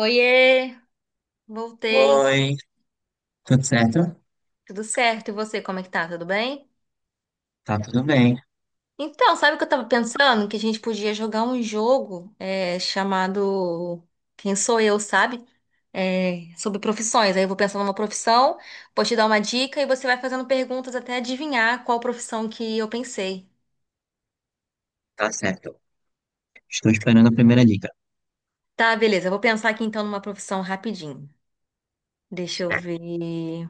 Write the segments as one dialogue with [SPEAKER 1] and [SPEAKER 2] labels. [SPEAKER 1] Oiê, voltei.
[SPEAKER 2] Oi, tudo certo?
[SPEAKER 1] Tudo certo? E você, como é que tá? Tudo bem?
[SPEAKER 2] Tá tudo bem,
[SPEAKER 1] Então, sabe o que eu tava pensando? Que a gente podia jogar um jogo chamado Quem Sou Eu, sabe? É, sobre profissões. Aí eu vou pensar numa profissão, vou te dar uma dica e você vai fazendo perguntas até adivinhar qual profissão que eu pensei.
[SPEAKER 2] tá certo. Estou esperando a primeira dica.
[SPEAKER 1] Tá, beleza. Eu vou pensar aqui então numa profissão rapidinho. Deixa eu ver.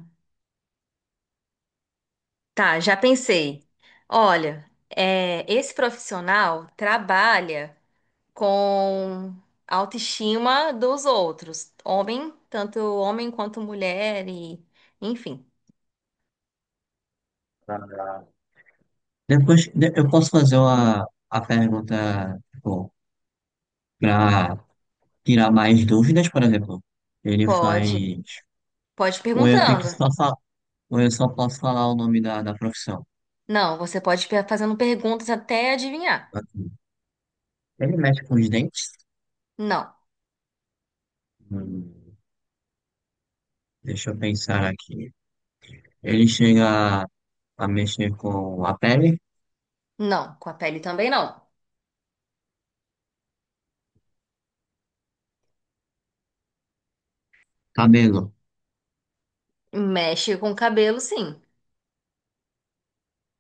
[SPEAKER 1] Tá, já pensei. Olha, esse profissional trabalha com a autoestima dos outros, homem, tanto homem quanto mulher e enfim.
[SPEAKER 2] Ah, eu posso fazer uma, a pergunta, tipo, para tirar mais dúvidas, por exemplo. Ele
[SPEAKER 1] Pode,
[SPEAKER 2] faz.
[SPEAKER 1] pode
[SPEAKER 2] Ou eu tenho que
[SPEAKER 1] perguntando.
[SPEAKER 2] só falar, ou eu só posso falar o nome da profissão.
[SPEAKER 1] Não, você pode fazendo perguntas até adivinhar.
[SPEAKER 2] Ele mexe com os dentes?
[SPEAKER 1] Não,
[SPEAKER 2] Hum, deixa eu pensar aqui. Ele chega a mexer com a pele?
[SPEAKER 1] não, com a pele também não.
[SPEAKER 2] Cabelo.
[SPEAKER 1] Mexe com o cabelo, sim.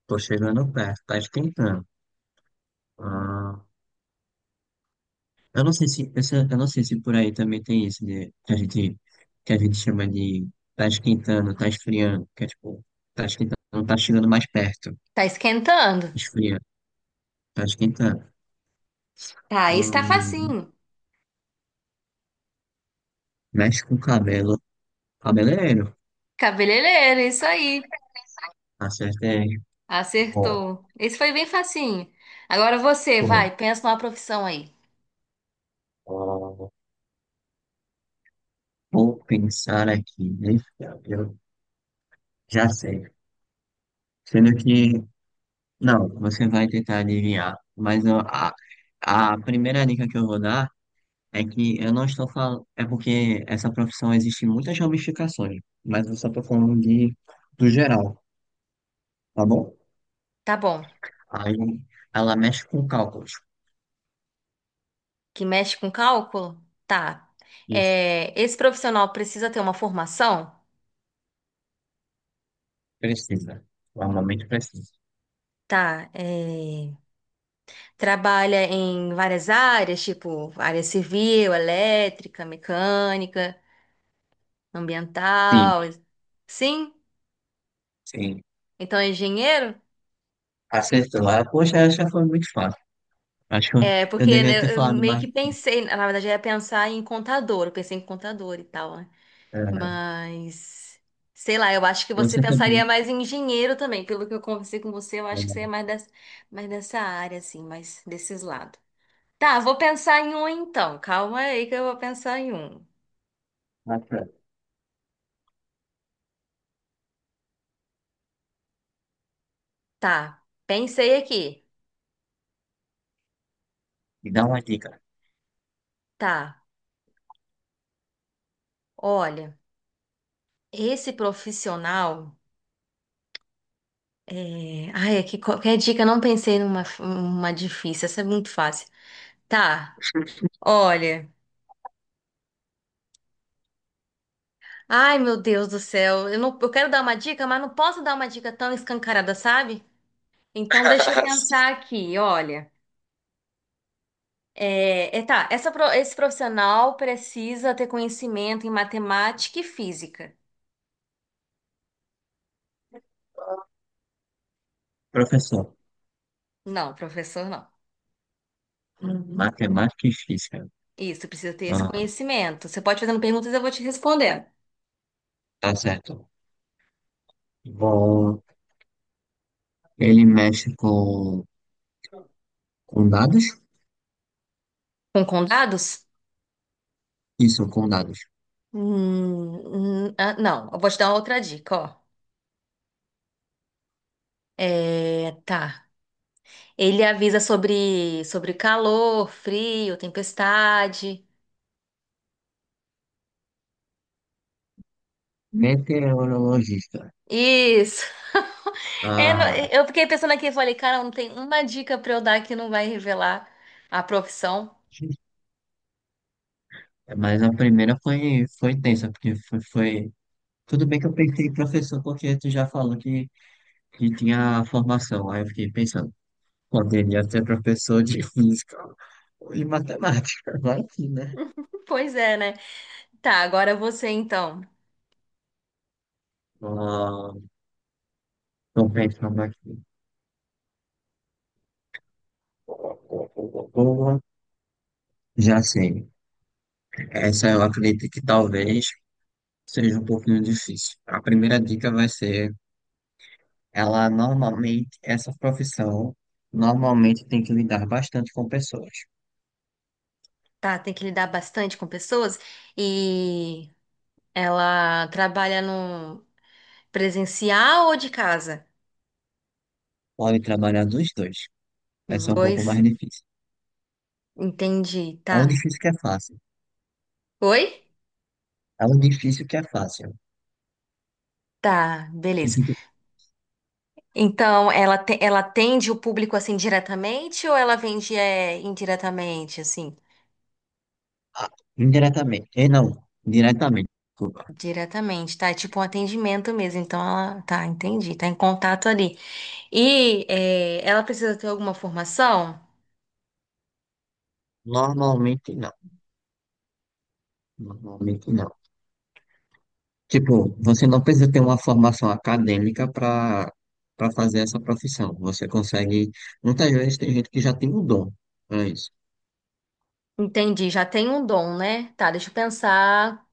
[SPEAKER 2] Tô chegando perto, tá esquentando. Ah. Eu não sei eu não sei se por aí também tem isso de, que a gente chama de tá esquentando, tá esfriando, que é tipo, tá esquentando, tá chegando mais perto,
[SPEAKER 1] Tá esquentando.
[SPEAKER 2] esfriando, tá esquentando.
[SPEAKER 1] Tá, esse tá
[SPEAKER 2] Hum,
[SPEAKER 1] facinho.
[SPEAKER 2] mexe com o cabelo, cabeleireiro,
[SPEAKER 1] Cabeleireiro, isso aí.
[SPEAKER 2] acerta aí. Ó,
[SPEAKER 1] Acertou. Esse foi bem facinho. Agora você,
[SPEAKER 2] ó,
[SPEAKER 1] vai, pensa numa profissão aí.
[SPEAKER 2] ó. Vou pensar aqui, né? Eu já sei. Sendo que, não, você vai tentar adivinhar, mas ó, a primeira dica que eu vou dar. É que eu não estou falando. É porque essa profissão existe muitas ramificações, mas eu só estou falando de, do geral, tá bom?
[SPEAKER 1] Tá bom.
[SPEAKER 2] Aí ela mexe com cálculos.
[SPEAKER 1] Que mexe com cálculo? Tá.
[SPEAKER 2] Isso,
[SPEAKER 1] É, esse profissional precisa ter uma formação?
[SPEAKER 2] precisa. Normalmente precisa.
[SPEAKER 1] Tá. É, trabalha em várias áreas, tipo área civil, elétrica, mecânica,
[SPEAKER 2] Sim,
[SPEAKER 1] ambiental. Sim?
[SPEAKER 2] sim.
[SPEAKER 1] Então é engenheiro?
[SPEAKER 2] Acertou. Ah, poxa, essa foi muito fácil. Acho que
[SPEAKER 1] É,
[SPEAKER 2] eu
[SPEAKER 1] porque
[SPEAKER 2] deveria ter
[SPEAKER 1] né, eu
[SPEAKER 2] falado
[SPEAKER 1] meio
[SPEAKER 2] mais.
[SPEAKER 1] que pensei, na verdade, eu ia pensar em contador, eu pensei em contador e tal, né?
[SPEAKER 2] É,
[SPEAKER 1] Mas, sei lá, eu acho que você
[SPEAKER 2] você
[SPEAKER 1] pensaria
[SPEAKER 2] também.
[SPEAKER 1] mais em engenheiro também. Pelo que eu conversei com você, eu acho que você é
[SPEAKER 2] É,
[SPEAKER 1] mais dessa área, assim, mais desses lados. Tá, vou pensar em um então. Calma aí que eu vou pensar em um.
[SPEAKER 2] matemática.
[SPEAKER 1] Tá, pensei aqui.
[SPEAKER 2] Me dá uma dica.
[SPEAKER 1] Tá, olha, esse profissional. É... Ai, aqui qualquer dica, eu não pensei numa uma difícil, essa é muito fácil. Tá, olha. Ai, meu Deus do céu, eu não, eu quero dar uma dica, mas não posso dar uma dica tão escancarada, sabe? Então, deixa eu pensar aqui, olha. Tá, essa esse profissional precisa ter conhecimento em matemática e física.
[SPEAKER 2] Professor,
[SPEAKER 1] Não, professor, não.
[SPEAKER 2] matemática e física.
[SPEAKER 1] Isso, precisa ter esse
[SPEAKER 2] Ah,
[SPEAKER 1] conhecimento. Você pode fazendo perguntas e eu vou te respondendo.
[SPEAKER 2] tá certo. Bom, ele mexe com condados.
[SPEAKER 1] Com dados?
[SPEAKER 2] Isso, condados dados.
[SPEAKER 1] Ah, não, eu vou te dar uma outra dica, ó. É, tá. Ele avisa sobre, sobre calor, frio, tempestade.
[SPEAKER 2] Meteorologista.
[SPEAKER 1] Isso. É, não,
[SPEAKER 2] Ah,
[SPEAKER 1] eu fiquei pensando aqui, eu falei, cara, não tem uma dica pra eu dar que não vai revelar a profissão.
[SPEAKER 2] mas a primeira foi, foi tensa, porque foi, foi- Tudo bem que eu pensei em professor, porque tu já falou que tinha formação. Aí eu fiquei pensando, poderia ser professor de física ou de matemática. Vai que, né?
[SPEAKER 1] Pois é, né? Tá, agora você então.
[SPEAKER 2] Ah, tô pensando aqui. Já sei. Essa eu acredito que talvez seja um pouquinho difícil. A primeira dica vai ser. Ela normalmente, essa profissão normalmente tem que lidar bastante com pessoas.
[SPEAKER 1] Tá, tem que lidar bastante com pessoas e ela trabalha no presencial ou de casa?
[SPEAKER 2] Pode trabalhar dos dois. Vai
[SPEAKER 1] Dos
[SPEAKER 2] ser um pouco mais
[SPEAKER 1] dois?
[SPEAKER 2] difícil.
[SPEAKER 1] Entendi,
[SPEAKER 2] É um
[SPEAKER 1] tá.
[SPEAKER 2] difícil que é fácil.
[SPEAKER 1] Oi?
[SPEAKER 2] É um difícil que é fácil.
[SPEAKER 1] Tá,
[SPEAKER 2] Que
[SPEAKER 1] beleza.
[SPEAKER 2] assim, tipo,
[SPEAKER 1] Então, ela, ela atende o público assim diretamente ou ela vende indiretamente, assim?
[SPEAKER 2] ah, indiretamente. Eh, não, diretamente, desculpa.
[SPEAKER 1] Diretamente, tá? É tipo um atendimento mesmo. Então ela, tá, entendi, tá em contato ali. E é, ela precisa ter alguma formação?
[SPEAKER 2] Normalmente não. Normalmente não. Tipo, você não precisa ter uma formação acadêmica para fazer essa profissão. Você consegue. Muitas vezes tem gente que já tem o dom. É isso.
[SPEAKER 1] Entendi, já tem um dom, né? Tá, deixa eu pensar.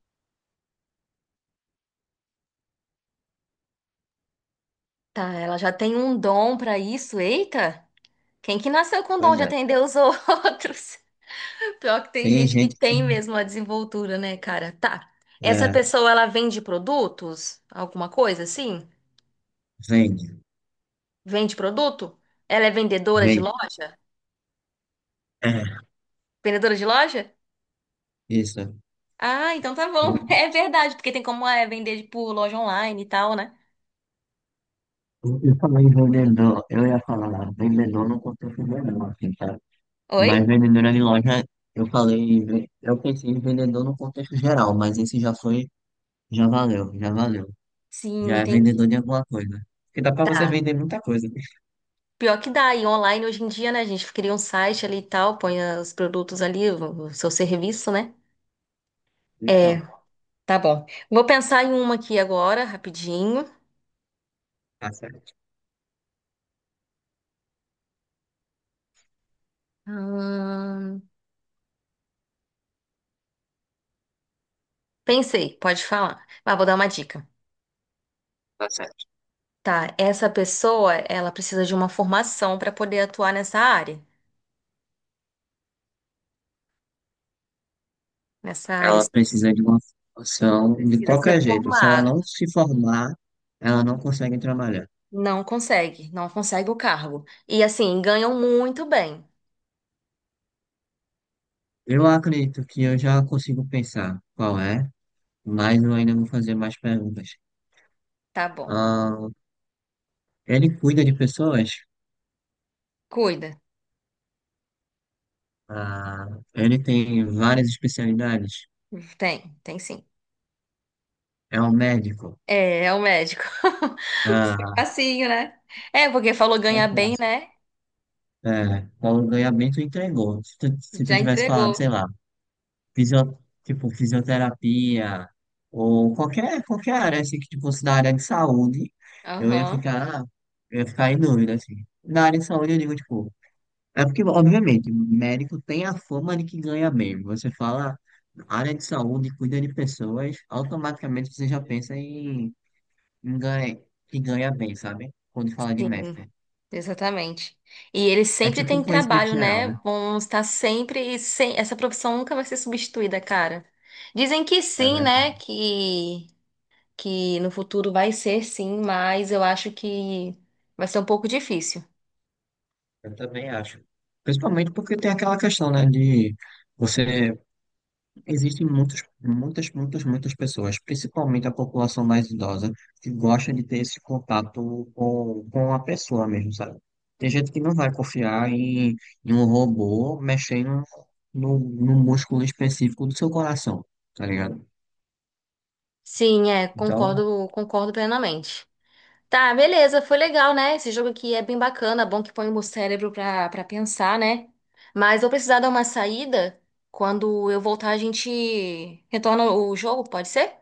[SPEAKER 1] Tá, ela já tem um dom pra isso? Eita! Quem que nasceu com o dom
[SPEAKER 2] Pois
[SPEAKER 1] de
[SPEAKER 2] é.
[SPEAKER 1] atender os outros? Pior que tem
[SPEAKER 2] Tem
[SPEAKER 1] gente que
[SPEAKER 2] gente que
[SPEAKER 1] tem mesmo a desenvoltura, né, cara? Tá. Essa
[SPEAKER 2] é,
[SPEAKER 1] pessoa, ela vende produtos? Alguma coisa assim?
[SPEAKER 2] vende.
[SPEAKER 1] Vende produto? Ela é vendedora de
[SPEAKER 2] Vem,
[SPEAKER 1] loja?
[SPEAKER 2] é,
[SPEAKER 1] Vendedora de loja?
[SPEAKER 2] isso.
[SPEAKER 1] Ah, então tá bom. É verdade, porque tem como vender por loja online e tal, né?
[SPEAKER 2] Eu falei vendedor, eu ia falar vendedor no contexto geral, assim, sabe?
[SPEAKER 1] Oi?
[SPEAKER 2] Mas vendedora de loja, eu falei, eu pensei em vendedor no contexto geral, mas esse já foi, já valeu, já valeu.
[SPEAKER 1] Sim,
[SPEAKER 2] Já é vendedor de
[SPEAKER 1] entendi.
[SPEAKER 2] alguma coisa. Porque dá pra você
[SPEAKER 1] Tá.
[SPEAKER 2] vender muita coisa.
[SPEAKER 1] Pior que dá, e online hoje em dia, né, gente? Cria um site ali e tal, põe os produtos ali, o seu serviço, né? É,
[SPEAKER 2] Então,
[SPEAKER 1] tá bom. Vou pensar em uma aqui agora, rapidinho.
[SPEAKER 2] tá certo,
[SPEAKER 1] Hum, pensei, pode falar. Mas vou dar uma dica.
[SPEAKER 2] tá certo.
[SPEAKER 1] Tá, essa pessoa, ela precisa de uma formação para poder atuar nessa área. Nessa área,
[SPEAKER 2] Ela
[SPEAKER 1] você
[SPEAKER 2] precisa de uma formação de
[SPEAKER 1] precisa
[SPEAKER 2] qualquer
[SPEAKER 1] ser
[SPEAKER 2] jeito. Se ela
[SPEAKER 1] formada.
[SPEAKER 2] não se formar, ela não consegue trabalhar.
[SPEAKER 1] Não consegue, não consegue o cargo. E assim, ganham muito bem.
[SPEAKER 2] Eu acredito que eu já consigo pensar qual é. Mas eu ainda vou fazer mais perguntas.
[SPEAKER 1] Tá bom.
[SPEAKER 2] Ah, ele cuida de pessoas?
[SPEAKER 1] Cuida.
[SPEAKER 2] Ah, ele tem várias especialidades?
[SPEAKER 1] Tem, tem sim.
[SPEAKER 2] É um médico?
[SPEAKER 1] É, é o médico.
[SPEAKER 2] Ah,
[SPEAKER 1] Facinho, né? É, porque falou
[SPEAKER 2] mais
[SPEAKER 1] ganha bem,
[SPEAKER 2] fácil.
[SPEAKER 1] né?
[SPEAKER 2] É, Paulo ganha bem, tu entregou. Se tu
[SPEAKER 1] Já
[SPEAKER 2] tivesse falado,
[SPEAKER 1] entregou.
[SPEAKER 2] sei lá, fisio, tipo, fisioterapia ou qualquer, qualquer área assim, que tipo, fosse da área de saúde, eu ia
[SPEAKER 1] Aham.
[SPEAKER 2] ficar, eu ia ficar em dúvida, assim. Na área de saúde, eu digo, tipo, é porque, obviamente, médico tem a fama de que ganha bem. Você fala área de saúde, cuida de pessoas, automaticamente você já pensa em, em ganha, que ganha bem, sabe? Quando fala de
[SPEAKER 1] Sim,
[SPEAKER 2] médico.
[SPEAKER 1] exatamente. E ele
[SPEAKER 2] É
[SPEAKER 1] sempre
[SPEAKER 2] tipo um
[SPEAKER 1] tem
[SPEAKER 2] conhecimento
[SPEAKER 1] trabalho,
[SPEAKER 2] geral,
[SPEAKER 1] né?
[SPEAKER 2] né?
[SPEAKER 1] Vão estar sempre. Sem... Essa profissão nunca vai ser substituída, cara. Dizem que
[SPEAKER 2] É,
[SPEAKER 1] sim,
[SPEAKER 2] né?
[SPEAKER 1] né? Que no futuro vai ser sim, mas eu acho que vai ser um pouco difícil.
[SPEAKER 2] Eu também acho. Principalmente porque tem aquela questão, né, de você. Existem muitas muitas, muitas, muitas pessoas, principalmente a população mais idosa, que gosta de ter esse contato com a pessoa mesmo, sabe? Tem gente que não vai confiar em, em um robô mexendo no músculo específico do seu coração, tá ligado?
[SPEAKER 1] Sim, é,
[SPEAKER 2] Então,
[SPEAKER 1] concordo, concordo plenamente. Tá, beleza, foi legal, né? Esse jogo aqui é bem bacana, bom que põe o meu cérebro pra, pra pensar, né? Mas vou precisar dar uma saída. Quando eu voltar, a gente retorna o jogo, pode ser?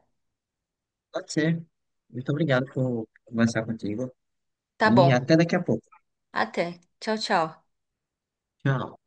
[SPEAKER 2] pode ser. Muito obrigado por conversar contigo
[SPEAKER 1] Tá
[SPEAKER 2] e
[SPEAKER 1] bom.
[SPEAKER 2] até daqui a pouco.
[SPEAKER 1] Até. Tchau, tchau.
[SPEAKER 2] Tchau.